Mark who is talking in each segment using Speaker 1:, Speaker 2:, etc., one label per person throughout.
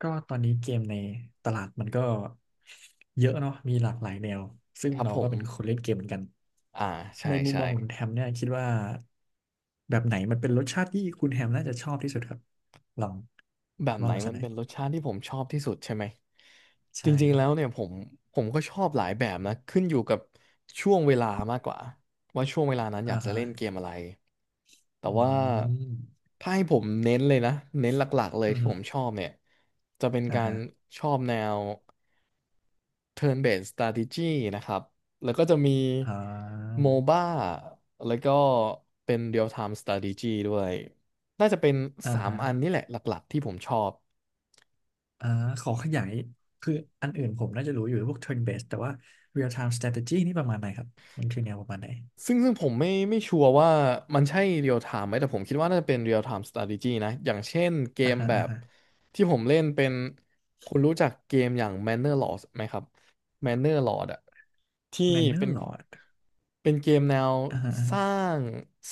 Speaker 1: ก็ตอนนี้เกมในตลาดมันก็เยอะเนาะมีหลากหลายแนวซึ่ง
Speaker 2: ครับ
Speaker 1: เรา
Speaker 2: ผ
Speaker 1: ก็
Speaker 2: ม
Speaker 1: เป็นคนเล่นเกมเหมือนกัน
Speaker 2: อ่าใช่
Speaker 1: ในมุม
Speaker 2: ใช่
Speaker 1: มองของคุณแฮมเนี่ยคิดว่าแบบไหนมันเป็นรสชาติที่คุณแฮมน่าจะชอบที่สุดครับลอง
Speaker 2: แบบไหน
Speaker 1: ว่ามาสั
Speaker 2: มั
Speaker 1: ก
Speaker 2: น
Speaker 1: หน่อ
Speaker 2: เป็นรส
Speaker 1: ย
Speaker 2: ชาติที่ผมชอบที่สุดใช่ไหมจ
Speaker 1: ใช่
Speaker 2: ริง
Speaker 1: ค
Speaker 2: ๆ
Speaker 1: รับ
Speaker 2: แล้วเนี่ยผมก็ชอบหลายแบบนะขึ้นอยู่กับช่วงเวลามากกว่าว่าช่วงเวลานั้นอ
Speaker 1: อ่า
Speaker 2: ยากจะ
Speaker 1: ฮะ
Speaker 2: เล่นเกมอะไรแต่
Speaker 1: อื
Speaker 2: ว่า
Speaker 1: ม
Speaker 2: ถ้าให้ผมเน้นเลยนะเน้นหลักๆเลย
Speaker 1: อื
Speaker 2: ที่ผ
Speaker 1: ม
Speaker 2: มชอบเนี่ยจะเป็น
Speaker 1: อ่า
Speaker 2: การ
Speaker 1: ฮะ
Speaker 2: ชอบแนว Turn Based Strategy นะครับ แล้วก็จะมี
Speaker 1: อ่า
Speaker 2: MOBA แล้วก็เป็น Real Time Strategy ด้วย น่าจะเป็น
Speaker 1: อ่า
Speaker 2: 3
Speaker 1: ฮะ
Speaker 2: อันนี่แหละหลักๆที่ผมชอบ
Speaker 1: อ่าขอขยายคืออันอื่นผมน่าจะรู้อยู่พวก turn based แต่ว่า real time strategy นี่ประมาณไหนครับมันคือแนวประมาณไหน
Speaker 2: ซึ่งผมไม่ชัวร์ว่ามันใช่ Real Time ไหม แต่ผมคิดว่าน่าจะเป็น Real Time Strategy นะ อย่างเช่นเก
Speaker 1: อ่า
Speaker 2: ม
Speaker 1: ฮะ
Speaker 2: แบ
Speaker 1: อ่า
Speaker 2: บ
Speaker 1: ฮะ
Speaker 2: ที่ผมเล่นเป็นคุณรู้จักเกมอย่าง Manor Lords ไหมครับ Manor Lords อะ ที่
Speaker 1: แมนเนอ
Speaker 2: เป็น
Speaker 1: ร์ลอร์ด
Speaker 2: เป็นเกมแนว
Speaker 1: อ่าอา
Speaker 2: สร้าง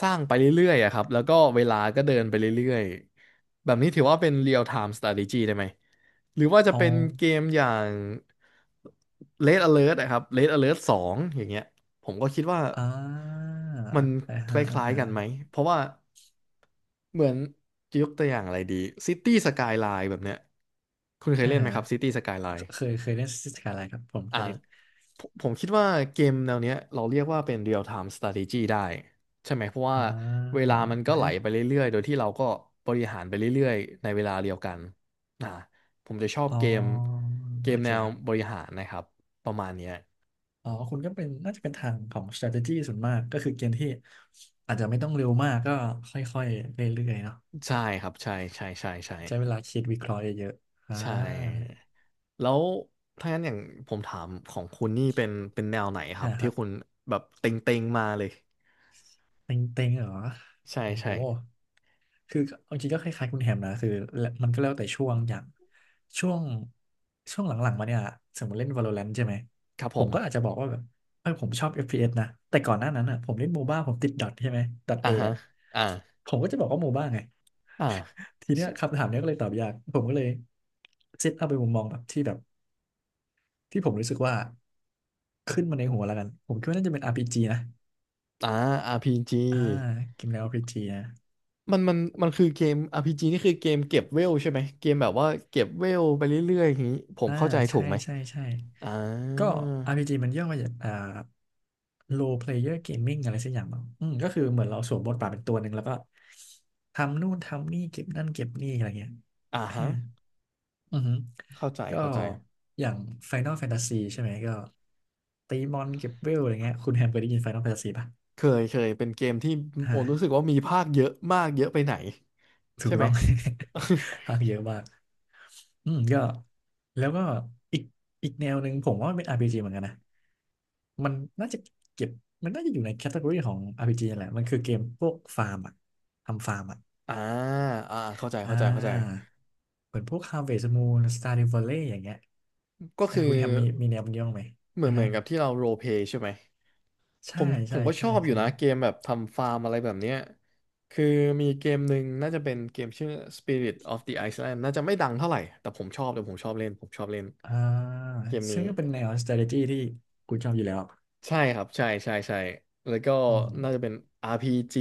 Speaker 2: สร้างไปเรื่อยๆอะครับแล้วก็เวลาก็เดินไปเรื่อยๆแบบนี้ถือว่าเป็น real time strategy ได้ไหมหรือว่าจะ
Speaker 1: อ๋อ
Speaker 2: เป็นเกมอย่าง Red Alert นะครับ Red Alert 2องอย่างเงี้ยผมก็คิดว่า
Speaker 1: อ่า
Speaker 2: มัน
Speaker 1: อ่า
Speaker 2: คล
Speaker 1: ฮะอ่า
Speaker 2: ้ายๆ
Speaker 1: ฮะ
Speaker 2: กันไหมเพราะว่าเหมือนจะยกตัวอย่างอะไรดี City Skyline แบบเนี้ยคุณเคย
Speaker 1: อ่า
Speaker 2: เล่นไหม
Speaker 1: ฮะ
Speaker 2: ครับ City Skyline
Speaker 1: เคยเคยเล่นสกายไลน์ครับผมเค
Speaker 2: อ่า
Speaker 1: ยเล่น
Speaker 2: ผมคิดว่าเกมแนวเนี้ยเราเรียกว่าเป็น real time strategy ได้ใช่ไหมเพราะ
Speaker 1: อ่
Speaker 2: ว่าเว
Speaker 1: า
Speaker 2: ลามันก็ไหลไปเรื่อยๆโดยที่เราก็บริหารไปเรื่อยๆในเวลาเดียวกันอ่าผมจะชอบ
Speaker 1: อ๋อ
Speaker 2: เกมเก
Speaker 1: โอ
Speaker 2: ม
Speaker 1: เค
Speaker 2: แนว
Speaker 1: ครั
Speaker 2: บ
Speaker 1: บ
Speaker 2: ริหารนะครับประมาณเนี้ย
Speaker 1: อ๋อคุณก็เป็นน่าจะเป็นทางของ strategy ส่วนมากก็คือเกมที่ อาจจะไม่ต้องเร็วมากก็ค่อยๆ เรื่อยๆเนาะ
Speaker 2: ใช่ครับใช่ใช่ใช่ใช่
Speaker 1: ใช้เวลาคิดวิเคราะห์เยอะๆอ่า
Speaker 2: ใช่แล้วถ้างั้นอย่างผมถามของคุณนี่เป็นแนวไหนครั
Speaker 1: อ่า
Speaker 2: บ
Speaker 1: ค
Speaker 2: ที่
Speaker 1: รับ
Speaker 2: คุณแบบเต็งๆมาเลย
Speaker 1: เต็งๆเหรอ
Speaker 2: ใช่
Speaker 1: โอ้
Speaker 2: ใช่
Speaker 1: โห คือเอาจริงก็คล้ายๆคุณแฮมนะคือมันก็แล้วแต่ช่วงอย่างช่วงช่วงหลังๆมาเนี่ยสมมติเล่น Valorant ใช่ไหม
Speaker 2: ครับผ
Speaker 1: ผมก็อาจ
Speaker 2: ม
Speaker 1: จะบอกว่าแบบเออผมชอบ FPS นะแต่ก่อนหน้านั้นอ่ะผมเล่นโมบ้าผมติดดอทใช่ไหมดอท
Speaker 2: อ่า
Speaker 1: เอ
Speaker 2: ฮะ
Speaker 1: อ่ะ
Speaker 2: อ่า
Speaker 1: ผมก็จะบอกว่าโมบ้าไง
Speaker 2: อ่า
Speaker 1: ทีเนี้ยคำถามเนี้ยก็เลยตอบยากผมก็เลยเซตเอาเป็นมุมมองแบบที่แบบที่ผมรู้สึกว่าขึ้นมาในหัวแล้วกันผมคิดว่าน่าจะเป็น RPG นะ
Speaker 2: อ่า RPG
Speaker 1: อ่าเกมแนว RPG นะ
Speaker 2: มันคือเกม RPG นี่คือเกมเก็บเวลใช่ไหมเกมแบบว่าเก็บเวลไปเรื่อยๆอย่างนี้ผม
Speaker 1: อ่า
Speaker 2: เข้าใจถู
Speaker 1: ใช่
Speaker 2: กไหม
Speaker 1: ใช่ใช่
Speaker 2: อ่า
Speaker 1: ก็ RPG มันย่อมาจากrole player gaming อะไรสักอย่างมั้งอืมก็คือเหมือนเราสวมบทบาทเป็นตัวหนึ่งแล้วก็ทำนู่นทำนี่เก็บนั่นเก็บนี่อะไรเงี้ย
Speaker 2: อ่า
Speaker 1: อื
Speaker 2: ฮะ
Speaker 1: มออหือ
Speaker 2: เข้าใจ
Speaker 1: ก็
Speaker 2: เข้าใจ
Speaker 1: อย่าง Final Fantasy ใช่ไหมก็ตีมอนเก็บเวลอะไรเงี้ยคุณแฮมเคยได้ยิน Final Fantasy ป่ะ
Speaker 2: เคยเคยเป็นเกมที่โอ
Speaker 1: ฮะ
Speaker 2: รู้สึกว่ามีภาคเยอะมากเยอะไปไหน
Speaker 1: ถู
Speaker 2: ใช่
Speaker 1: ก
Speaker 2: ไหม
Speaker 1: ต้อง ภาคเยอะมากอืมก็แล้วก็อีกอีกแนวหนึ่งผมว่ามันเป็น RPG เหมือนกันนะ มันน่าจะเก็บมันน่าจะอยู่ในแคตตา ory ของ RPG นั่นแหละ มันคือเกมพวกฟาร์มอะทำฟาร์มอะ
Speaker 2: อ่าเข้าใจ
Speaker 1: อ่
Speaker 2: เข้าใจเข้าใจ
Speaker 1: าเหมือนพวก Harvest Moon Stardew Valley อย่างเงี้ย
Speaker 2: ก็
Speaker 1: อ่า
Speaker 2: คือ
Speaker 1: คุณแฮมมีแนวมันย่องไหม
Speaker 2: เหมือ
Speaker 1: อ่า
Speaker 2: นเหมือ
Speaker 1: ฮะ
Speaker 2: นกับที่เราโรลเพลย์ใช่ไหม ผ
Speaker 1: ใช่
Speaker 2: มผ
Speaker 1: ใช่
Speaker 2: มก็ช
Speaker 1: ใช่
Speaker 2: อบอยู่
Speaker 1: ใช่
Speaker 2: นะเกมแบบทำฟาร์มอะไรแบบเนี้ยคือมีเกมหนึ่งน่าจะเป็นเกมชื่อ Spirit of the Iceland น่าจะไม่ดังเท่าไหร่แต่ผมชอบแต่ผมชอบเล่นผมชอบเล่น
Speaker 1: อ่า
Speaker 2: เกม
Speaker 1: ซึ่ง
Speaker 2: นี้
Speaker 1: ก็เป็นแนว strategy ที่คุณชอบอยู่แล้ว
Speaker 2: ใช่ครับใช่ใช่ใช่แล้วก็
Speaker 1: อื
Speaker 2: น่าจะเป็
Speaker 1: ม
Speaker 2: น RPG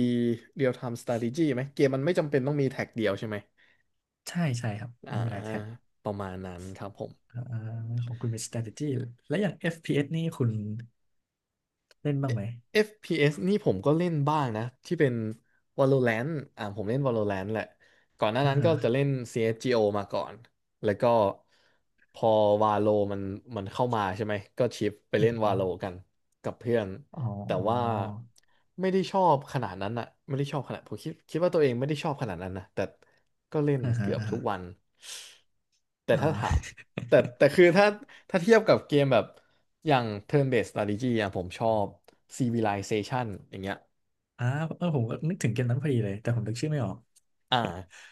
Speaker 2: Real Time Strategy ไหมเกมมันไม่จำเป็นต้องมีแท็กเดียวใช่ไหม
Speaker 1: ใช่ใช่ครับ
Speaker 2: อ่า
Speaker 1: ไม่มีหลายแท็บ
Speaker 2: ประมาณนั้นครับผม
Speaker 1: อ่าของคุณเป็น strategy และอย่าง FPS นี่คุณเล่นบ้างไหม
Speaker 2: FPS นี่ผมก็เล่นบ้างนะที่เป็น Valorant อ่าผมเล่น Valorant แหละก่อนหน้า
Speaker 1: อ่า
Speaker 2: นั้นก็
Speaker 1: ฮะ
Speaker 2: จะเล่น CSGO มาก่อนแล้วก็พอ Valo มันเข้ามาใช่ไหมก็ชิฟไป
Speaker 1: อื
Speaker 2: เล่น Valo
Speaker 1: ม
Speaker 2: กันกับเพื่อน
Speaker 1: อ๋อ
Speaker 2: แต่ว่าไม่ได้ชอบขนาดนั้นอะไม่ได้ชอบขนาดผมคิดว่าตัวเองไม่ได้ชอบขนาดนั้นนะแต่ก็เล่น
Speaker 1: อออ่าฮะ
Speaker 2: เกือบ
Speaker 1: อ่า
Speaker 2: ทุ
Speaker 1: ฮะ
Speaker 2: กวันแต่
Speaker 1: อ่า
Speaker 2: ถ้าถาม แต่ คือถ้าเทียบกับเกมแบบอย่าง turn based strategy อ่ะผมชอบ Civilization อย่างเงี้ย
Speaker 1: อ่าเออผมก็นึกถึงเกมนั้นพอดีเลย แต่ผมนึกชื่อไม่ออก
Speaker 2: อ่า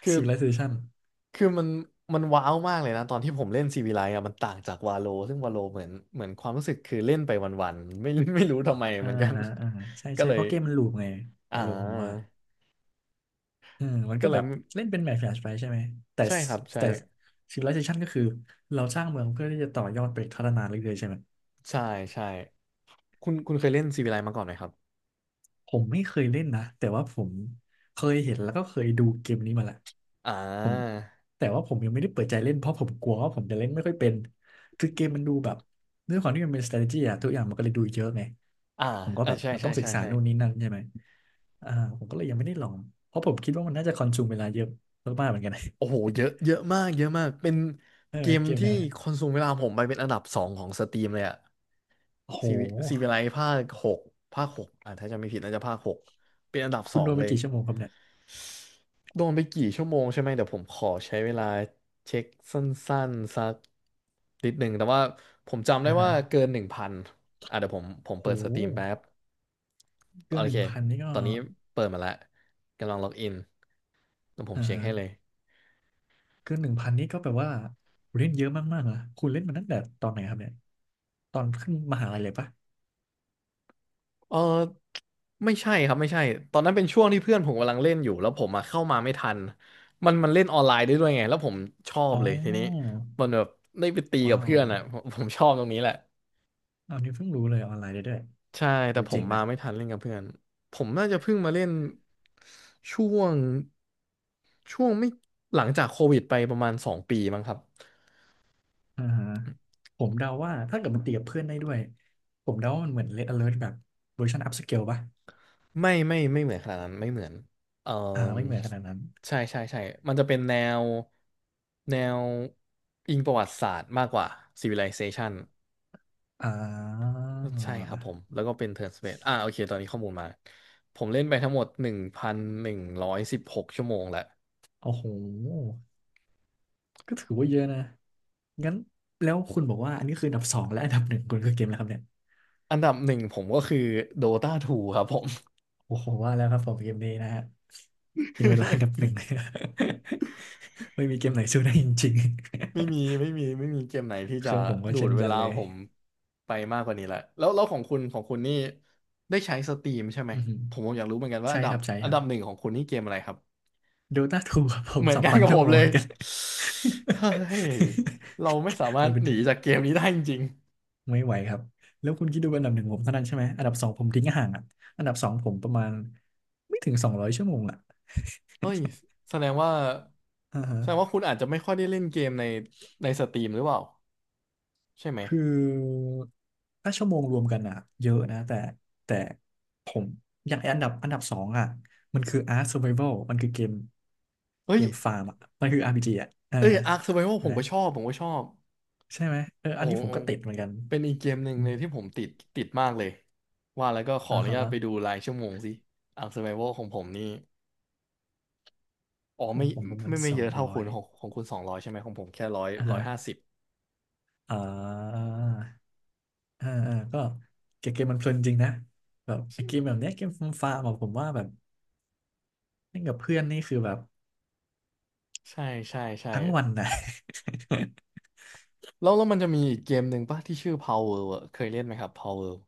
Speaker 2: คือ
Speaker 1: Civilization
Speaker 2: คือมันว้าวมากเลยนะตอนที่ผมเล่น Civilize อ่ะมันต่างจากวาโลซึ่งวาโลเหมือนเหมือนความรู้สึกคือเล่นไปวันๆ ไม่ ไม่รู้ทำไม
Speaker 1: อ่า
Speaker 2: เหมือนกัน
Speaker 1: อ่าใช่
Speaker 2: ก็
Speaker 1: ใช่
Speaker 2: เล
Speaker 1: เพ
Speaker 2: ย
Speaker 1: ราะเกมมันลูปไง
Speaker 2: อ่
Speaker 1: ว่าโลูผมว่า
Speaker 2: า
Speaker 1: เอืมมันก็แบบ
Speaker 2: ไม่
Speaker 1: เล่นเป็นแมปแฟลชไปใช่ไหมแต่
Speaker 2: ใช่ครับใช่
Speaker 1: แต่ Civilization ก็คือเราสร้างเมืองเพื่อที่จะต่อยอดไปพัฒนาเรื่อยๆใช่ไหม
Speaker 2: ใช่ใช่คุณเคยเล่น Civilize มาก่อนไหมครับ
Speaker 1: ผมไม่เคยเล่นนะแต่ว่าผมเคยเห็นแล้วก็เคยดูเกมนี้มาแหละ
Speaker 2: อ่
Speaker 1: ผม
Speaker 2: า
Speaker 1: แต่ว่าผมยังไม่ได้เปิดใจเล่นเพราะผมกลัวว่าผมจะเล่นไม่ค่อยเป็นคือเกมมันดูแบบด้วยความที่มันเป็น strategy อะทุกอย่างมันก็เลยดูเยอะไง
Speaker 2: อ่า
Speaker 1: ผมก็แบบ
Speaker 2: ใช่
Speaker 1: มัน
Speaker 2: ใช่
Speaker 1: ต้องศึก
Speaker 2: ใช่
Speaker 1: ษา
Speaker 2: ใช่
Speaker 1: นู่นนี่นั่นใช่ไหมอ่าผมก็เลยยังไม่ได้ลองเพราะผมคิดว่ามันน่าจะคอนซูมเวลาเยอะมากๆเหมือนกัน
Speaker 2: โอ้โห เยอะเยอะมากเยอะมาก เป็น
Speaker 1: ใช่
Speaker 2: เก
Speaker 1: ไหม
Speaker 2: ม
Speaker 1: เกมแน
Speaker 2: ที่
Speaker 1: วเนี้ย
Speaker 2: คอนซูมเวลาผมไปเป็นอันดับสองของสตรีมเลยอะ
Speaker 1: โอ้โห
Speaker 2: ซีวิซีวิไลภาคหกภาคหกอ่ะถ้าจะไม่ผิดน่าจะภาคหกเป็นอันดับส
Speaker 1: คุ
Speaker 2: อ
Speaker 1: ณโด
Speaker 2: ง
Speaker 1: นไป
Speaker 2: เลย
Speaker 1: กี่ชั่วโมงครับเนี่ย
Speaker 2: โดนไปกี่ชั่วโมงใช่ไหมเดี๋ยวผมขอใช้เวลาเช็คสั้นๆสักนิดหนึ่งแต่ว่าผมจำได้
Speaker 1: อ่าฮะ
Speaker 2: ว่าเกิน 1,000อ่ะเดี๋ยวผม
Speaker 1: โอ้โ
Speaker 2: เปิดสตรีมแป๊
Speaker 1: ห
Speaker 2: บ โอ
Speaker 1: เกินห
Speaker 2: เค
Speaker 1: นึ่งพันนี่ก็
Speaker 2: ตอนนี้เปิดมาแล้ว กำลังล็อกอินแล้วผม
Speaker 1: อ่า
Speaker 2: เช็ค
Speaker 1: ฮะ
Speaker 2: ให้เลย
Speaker 1: เกินหนึ่งพันนี่ก็แปลว่าคุณเล่นเยอะมากๆนะคุณเล่นมาตั้งแต่ตอนไหนครับเนี่ยตอนขึ้นมหาลัยเลยปะ
Speaker 2: เออไม่ใช่ครับไม่ใช่ตอนนั้นเป็นช่วงที่เพื่อนผมกำลังเล่นอยู่แล้วผมมาเข้ามาไม่ทันมันเล่นออนไลน์ได้ด้วยไงแล้วผมชอบ
Speaker 1: อ๋อ
Speaker 2: เลยทีนี้มันแบบได้ไปตีกับ
Speaker 1: ว้าว
Speaker 2: เพื่อ
Speaker 1: เ
Speaker 2: นอ่ะผมชอบตรงนี้แหละ
Speaker 1: อันนี้เพิ่งรู้เลยออนไลน์ได้ด้วย
Speaker 2: ใช่
Speaker 1: โห
Speaker 2: แต่ผ
Speaker 1: เจ๋
Speaker 2: ม
Speaker 1: งนะ
Speaker 2: มาไม่ทันเล่นกับเพื่อนผมน่าจะเพิ่งมาเล่นช่วงช่วงไม่หลังจากโควิดไปประมาณ 2 ปีมั้งครับ
Speaker 1: อ่าฮะผมเดาว่าถ้าเกิดมันตีกับเพื่อนได้ด้วยผมเดาว่ามันเหมือน Red Alert แบบเวอร์ชัน upscale ป่ะ
Speaker 2: ไม่ไม่ไม่เหมือนขนาดนั้นไม่เหมือนเออ
Speaker 1: อ่าไม่เหมือนขนาดนั้น
Speaker 2: ใช่ใช่ใช่มันจะเป็นแนวแนวอิงประวัติศาสตร์มากกว่า Civilization
Speaker 1: อ่า
Speaker 2: ใช่ครับผมแล้วก็เป็น Turn PACE อ่าโอเคตอนนี้ข้อมูลมาผมเล่นไปทั้งหมด1,116 ชั่วโมงแล้ว
Speaker 1: โอ้โหก็ถือว่าเยอะนะงั้นแล้วคุณบอกว่าอันนี้คืออันดับสองและอันดับหนึ่งคุณคือเกมแล้วครับเนี่ย
Speaker 2: อันดับหนึ่งผมก็คือ Dota 2ครับผม
Speaker 1: โอ้โหว่าแล้วครับผมเกมนี้นะฮะกินเวลาอันดับหนึ่ง เลย ไม่มีเกมไหนสู้ได้จริง
Speaker 2: ไม่มีเกมไหน
Speaker 1: ๆ
Speaker 2: ที่
Speaker 1: เค
Speaker 2: จะ
Speaker 1: รื่องผมก็
Speaker 2: ดู
Speaker 1: เช่
Speaker 2: ด
Speaker 1: น
Speaker 2: เว
Speaker 1: กัน
Speaker 2: ลา
Speaker 1: เลย
Speaker 2: ผมไปมากกว่านี้แหละแล้วของคุณนี่ได้ใช้สตรีมใช่ไหม
Speaker 1: อือหือ
Speaker 2: ผมอยากรู้เหมือนกันว่า
Speaker 1: ใช่ครับใช่
Speaker 2: อั
Speaker 1: ค
Speaker 2: น
Speaker 1: รับ
Speaker 2: ดับหนึ่งของคุณนี่เกมอะไรครับ
Speaker 1: ดูต่าถูกครับผม
Speaker 2: เหมือ
Speaker 1: ส
Speaker 2: น
Speaker 1: อง
Speaker 2: กัน
Speaker 1: พัน
Speaker 2: กับ
Speaker 1: ชั่
Speaker 2: ผ
Speaker 1: ว
Speaker 2: ม
Speaker 1: โมง
Speaker 2: เล
Speaker 1: อ
Speaker 2: ย
Speaker 1: กัน
Speaker 2: เฮ้ยเราไม่สามา ร
Speaker 1: มั
Speaker 2: ถ
Speaker 1: นเป็น
Speaker 2: หนีจากเกมนี้ได้จริง
Speaker 1: ไม่ไหวครับแล้วคุณคิดดูอันดับหนึ่งผมเท่านั้นใช่ไหมอันดับสองผมทิ้งห่างอ่ะอันดับสองผมประมาณไม่ถึงสองร้อยชั่วโมงอ่ะ
Speaker 2: ๆเอ้ยแสดงว่า
Speaker 1: อ่าฮะ
Speaker 2: แสดงว่าคุณอาจจะไม่ค่อยได้เล่นเกมในสตรีมหรือเปล่าใช่ไหม
Speaker 1: คือถ้าชั่วโมงรวมกันอ่ะเยอะนะแต่แต่ผมอย่างไอ้อันดับอันดับสองอ่ะมันคือ Ark Survival มันคือเกม
Speaker 2: เฮ้
Speaker 1: เก
Speaker 2: ย
Speaker 1: มฟาร์มอ่ะมันคือ RPG อ่ะอ่า
Speaker 2: เอ้ยอาร์คเซอร์ไววัล
Speaker 1: ใช่
Speaker 2: ผม
Speaker 1: ไหม
Speaker 2: ก็ชอบผมก็ชอบ
Speaker 1: ใช่ไหมเอออั
Speaker 2: โอ้
Speaker 1: นนี้ผม
Speaker 2: โห
Speaker 1: ก็ติดเหมือนกัน
Speaker 2: เป็นอีกเกมหนึ่ง
Speaker 1: อ
Speaker 2: เล
Speaker 1: ม
Speaker 2: ยที่ผมติดติดมากเลยว่าแล้วก็ขอ
Speaker 1: อ่า
Speaker 2: อนุ
Speaker 1: ฮะ
Speaker 2: ญาตไปดูรายชั่วโมงสิอัง Survival ของผมนี่อ๋อ
Speaker 1: ผ
Speaker 2: ไม่
Speaker 1: มผมประมาณ
Speaker 2: ไม่ไม่
Speaker 1: สอ
Speaker 2: เย
Speaker 1: ง
Speaker 2: อะเท่า
Speaker 1: ร้อ
Speaker 2: คุ
Speaker 1: ย
Speaker 2: ณของคุณ200ใช่ไหมของผมแค่ร้อย
Speaker 1: อ่า
Speaker 2: ร้อ
Speaker 1: ฮะ
Speaker 2: ยห้าสิบ
Speaker 1: อ่าอ่าก็เกมมันเพลินจริงนะแบบไอ้เกมแบบเนี้ยเกมฟาร์มอะผมว่าแบบเล่นกับเพื่อนนี่คือแบบ
Speaker 2: ใช่ใช่ใช่
Speaker 1: ทั้งวันนะ
Speaker 2: แล้วมันจะมีอีกเกมหนึ่งป่ะที่ชื่อ Power World อะเคยเล่นไหมครับ Power World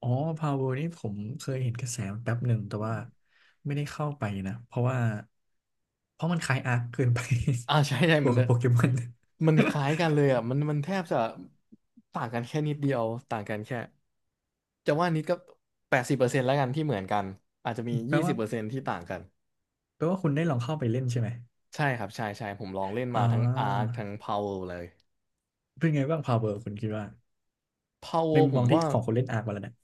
Speaker 1: อ๋อพาวเวอร์นี่ผมเคยเห็นกระแสนแป๊บหนึ่งแต่
Speaker 2: อืม
Speaker 1: ว่าไม่ได้เข้าไปนะเพราะมันคล้ายอาร์คเกินไป
Speaker 2: ใช่ใช่
Speaker 1: บวกกับโปเกมอน
Speaker 2: มันคล้ายกันเลยอ่ะมันแทบจะต่างกันแค่นิดเดียวต่างกันแค่จะว่านิดก็80%แล้วกันที่เหมือนกันอาจจะมี
Speaker 1: แปล
Speaker 2: ยี่สิ
Speaker 1: ว่า
Speaker 2: บเปอร์เซ็นต์ที่ต่างกัน
Speaker 1: แปลว่าคุณได้ลองเข้าไปเล่นใช่ไหม
Speaker 2: ใช่ครับใช่ใช่ผมลองเล่นมา
Speaker 1: อ่า
Speaker 2: ทั้งอาร์คทั้งพาวเวเลย
Speaker 1: เป็นไงบ้างพาวเวอร์คุณคิดว่า
Speaker 2: พาวเว
Speaker 1: ในมุม
Speaker 2: ผ
Speaker 1: มอ
Speaker 2: ม
Speaker 1: งที่
Speaker 2: ว่า
Speaker 1: ของคนเล่นอาร์คมาแล้วนะ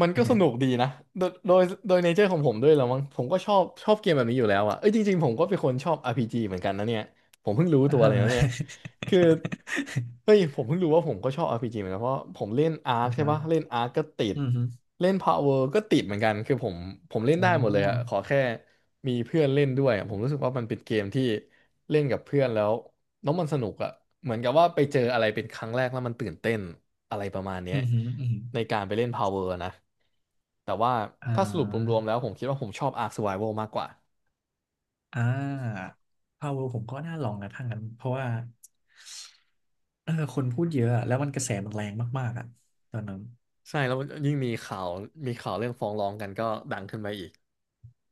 Speaker 2: มันก็สนุก ดีนะโดยโดยโดยเนเจอร์ของผมด้วยแล้วมั้งผมก็ชอบเกมแบบนี้อยู่แล้วอะเอ้ยจริงๆผมก็เป็นคนชอบ RPG เหมือนกันนะเนี่ยผมเพิ่งรู้
Speaker 1: อ่า
Speaker 2: ตัวเล
Speaker 1: ฮะ
Speaker 2: ยนะเนี่ยคือเฮ้ย ผมเพิ่งรู้ว่าผมก็ชอบ RPG เหมือนกันเพราะผมเล่นอาร์ค
Speaker 1: อ่า
Speaker 2: ใช่
Speaker 1: ฮะ
Speaker 2: ปะเล่นอาร์คก็ติด
Speaker 1: อืมฮึ
Speaker 2: เล่นพาวเวก็ติดเหมือนกันคือผมเล่น
Speaker 1: โอ้
Speaker 2: ได้หมดเลยอะขอแค่มีเพื่อนเล่นด้วยอะผมรู้สึกว่ามันเป็นเกมที่เล่นกับเพื่อนแล้ว แล้วมันสนุกอะเหมือนกับว่าไปเจออะไรเป็นครั้งแรกแล้วมันตื่นเต้นอะไรประมาณเนี้
Speaker 1: อื
Speaker 2: ย
Speaker 1: มฮึอืมฮึ
Speaker 2: ในการไปเล่น Power นะแต่ว่า
Speaker 1: อ่
Speaker 2: ถ้าสรุปร
Speaker 1: า
Speaker 2: วมๆแล้วผมคิดว่าผมชอบ Ark Survival มากกว่า
Speaker 1: อ่าพาวเวอร์ผมก็น่าลองนะถ้างั้น เพราะว่าเออคนพูดเยอะอะ แล้วมันกระแสมันแรงมากๆอ่ะตอนนั้น
Speaker 2: ใช่แล้วยิ่งมีข่าวเรื่องฟ้องร้องกันก็ดังขึ้นไปอีก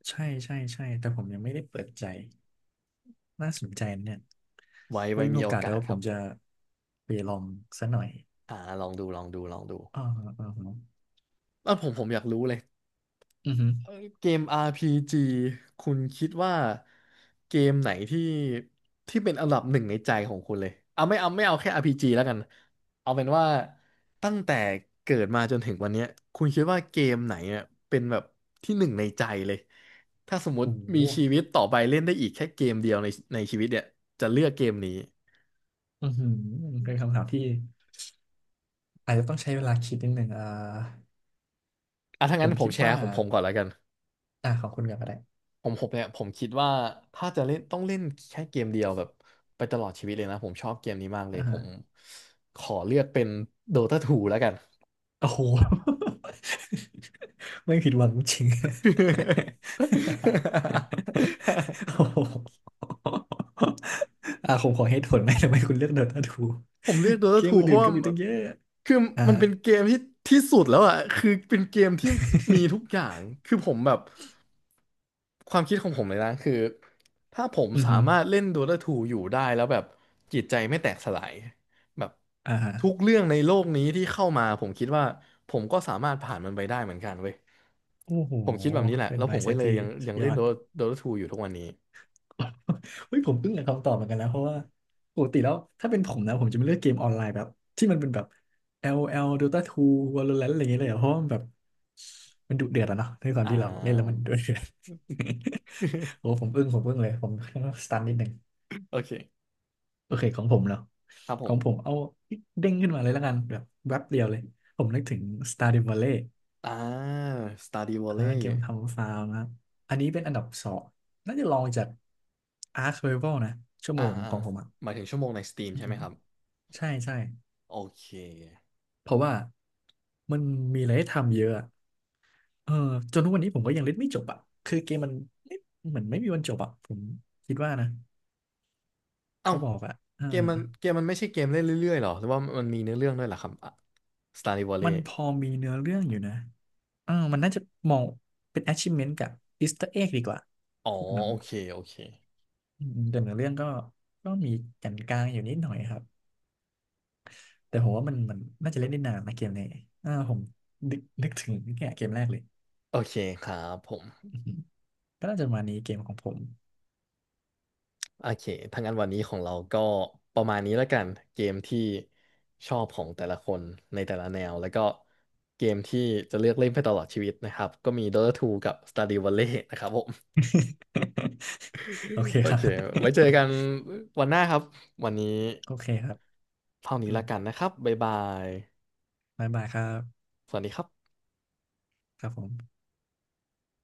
Speaker 1: ใช่แต่ผมยังไม่ได้เปิดใจ น่าสนใจนะเนี่ยไว้
Speaker 2: ไว้
Speaker 1: มี
Speaker 2: มี
Speaker 1: โอ
Speaker 2: โอ
Speaker 1: กาสเดี๋
Speaker 2: กา
Speaker 1: ย
Speaker 2: ส
Speaker 1: ว
Speaker 2: ค
Speaker 1: ผ
Speaker 2: รั
Speaker 1: ม
Speaker 2: บ
Speaker 1: จะไปลองซะหน่อย
Speaker 2: อ่าลองดู
Speaker 1: อ่าฮะ
Speaker 2: แล้วผมอยากรู้เลย
Speaker 1: อือฮึ
Speaker 2: เกม RPG คุณคิดว่าเกมไหนที่เป็นอันดับหนึ่งในใจของคุณเลยเอาแค่ RPG แล้วกันเอาเป็นว่าตั้งแต่เกิดมาจนถึงวันเนี้ยคุณคิดว่าเกมไหนอ่ะเป็นแบบที่หนึ่งในใจเลยถ้าสมมติ
Speaker 1: โอ้โห
Speaker 2: มีชีวิตต่อไปเล่นได้อีกแค่เกมเดียวในชีวิตเนี่ยจะเลือกเกมนี้
Speaker 1: อือหือเป็นคำถามที่อาจจะต้องใช้เวลาคิดนิดหนึ่งอ่า
Speaker 2: อ่ะถ้า
Speaker 1: ผ
Speaker 2: งั้น
Speaker 1: ม
Speaker 2: ผ
Speaker 1: คิ
Speaker 2: ม
Speaker 1: ด
Speaker 2: แช
Speaker 1: ว่า
Speaker 2: ร์ของผมก่อนแล้วกัน
Speaker 1: อ่าขอบคุณกันก็ได้
Speaker 2: ผมเนี่ยผมคิดว่าถ้าจะเล่นต้องเล่นแค่เกมเดียวแบบไปตลอดชีวิตเลยนะผมชอบเกมนี้มากเลย
Speaker 1: อ่า
Speaker 2: ผ
Speaker 1: ฮะ
Speaker 2: มขอเลือกเป็น Dota 2แล้วกัน
Speaker 1: โอ้โห ไม่ผิดหวังจริง โอ้ โหอ่ะผมขอเหตุผลไหมทำไมคุณเลือกโดตาทู
Speaker 2: ผมเลือก Dota
Speaker 1: เกม
Speaker 2: 2เพ
Speaker 1: อื่
Speaker 2: ราะ
Speaker 1: นๆ
Speaker 2: ว่า
Speaker 1: ก็มีตั้งเยอะ
Speaker 2: คือ
Speaker 1: อ่า
Speaker 2: มัน
Speaker 1: ฮะ
Speaker 2: เป็นเกมที่สุดแล้วอ่ะคือเป็นเกมที่มีทุกอ ย่างคือผมแบบความคิดของผมเลยนะคือถ้าผม
Speaker 1: อือ
Speaker 2: สา
Speaker 1: ฮึ
Speaker 2: มารถเล่น Dota 2อยู่ได้แล้วแบบจิตใจไม่แตกสลายแบบ
Speaker 1: อ่าฮะ
Speaker 2: ทุกเรื่องในโลกนี้ที่เข้ามาผมคิดว่าผมก็สามารถผ่านมันไปได้เหมือนกันเว้ย
Speaker 1: โอ้โห
Speaker 2: ผมคิดแบบนี้แหละ
Speaker 1: เป็น
Speaker 2: แล้ว
Speaker 1: ไว
Speaker 2: ผม
Speaker 1: ซ์เซ
Speaker 2: ก็
Speaker 1: ต
Speaker 2: เลย
Speaker 1: ที่
Speaker 2: ยัง
Speaker 1: ส
Speaker 2: ยัง
Speaker 1: ย
Speaker 2: เล่
Speaker 1: อ
Speaker 2: น
Speaker 1: ด
Speaker 2: Dota Dota ทูอยู่ทุกวันนี้
Speaker 1: เฮ้ยผมอึ้งอยากับคำตอบเหมือนกันนะเพราะว่าปกติแล้วถ้าเป็นผมนะผมจะไม่เลือกเกมออนไลน์แบบที่มันเป็นแบบ LOL Dota 2 Valorant อะไรอย่างเงี้ยเลยอะเพราะว่ามันแบบมันดุเดือดอะเนาะในความ
Speaker 2: อ่
Speaker 1: ที่เราเล่นแล้วมั
Speaker 2: า
Speaker 1: นดุเดือด โอ้ ผมอึ้งเลยผมสตันนิดหนึ่ง
Speaker 2: โอเค
Speaker 1: โอเคของผมเนาะ
Speaker 2: ครับผ
Speaker 1: ของผ
Speaker 2: ม
Speaker 1: มเอาเด้งขึ้นมาเลยแล้วกันแบบแวบเดียวเลยผมนึกถึง Stardew Valley
Speaker 2: อ่า Stardew
Speaker 1: อ่าเกม
Speaker 2: Valley
Speaker 1: ทำฟาร์มนะครับอันนี้เป็นอันดับสองน่าจะรองจาก Ark Survival นะชั่ว
Speaker 2: อ่า
Speaker 1: โมง
Speaker 2: อ่า
Speaker 1: ของผมอ่ะ
Speaker 2: หมายถึงชั่วโมงใน Steam
Speaker 1: อื
Speaker 2: ใช่ไห
Speaker 1: ม
Speaker 2: มครับ
Speaker 1: ใช่
Speaker 2: โอเค
Speaker 1: เพราะว่ามันมีอะไรให้ทำเยอะอะเออจนทุกวันนี้ผมก็ยังเล่นไม่จบอ่ะคือเกมมันเล่นเหมือนไม่มีวันจบอ่ะผมคิดว่านะ
Speaker 2: เอ้า
Speaker 1: เขาบอกอ่ะเออ
Speaker 2: เกมมันเกมมันไม่ใช่เกมเล่นเรื่อยๆหรอหรือว่ามันมีเนื้อเรื่องด้วยเหรอครับอ่ะ Stardew Valley
Speaker 1: มันพอมีเนื้อเรื่องอยู่นะเออมันน่าจะมองเป็น achievement กับ Easter egg ดีกว่า
Speaker 2: อ๋อ
Speaker 1: พวกนั้น
Speaker 2: โอเค
Speaker 1: อืมแต่เนื้อเรื่องก็ก็มีแก่นกลางอยู่นิดหน่อยครับแต่ผมว่ามันน่าจะเล่นได้นานนะเกมนี้อ่าผมนึกถึงเนี่ยเกมแรกเลย
Speaker 2: โอเคครับผม
Speaker 1: อือหือก็น่าจะประมาณนี้เกมของผม
Speaker 2: โอเคถ้างั้นวันนี้ของเราก็ประมาณนี้แล้วกันเกมที่ชอบของแต่ละคนในแต่ละแนวแล้วก็เกมที่จะเลือกเล่นไปตลอดชีวิตนะครับก็มี Dota 2กับ Stardew Valley นะครับผม
Speaker 1: โอเค
Speaker 2: โอ
Speaker 1: ครั
Speaker 2: เค
Speaker 1: บ
Speaker 2: ไว้เจอกันวันหน้าครับ วันนี้
Speaker 1: โอเคครับ
Speaker 2: เท่านี้
Speaker 1: อื
Speaker 2: ละ
Speaker 1: ม
Speaker 2: กันนะครับบ๊ายบาย
Speaker 1: บายบายครับ
Speaker 2: สวัสดีครับ
Speaker 1: ครับผม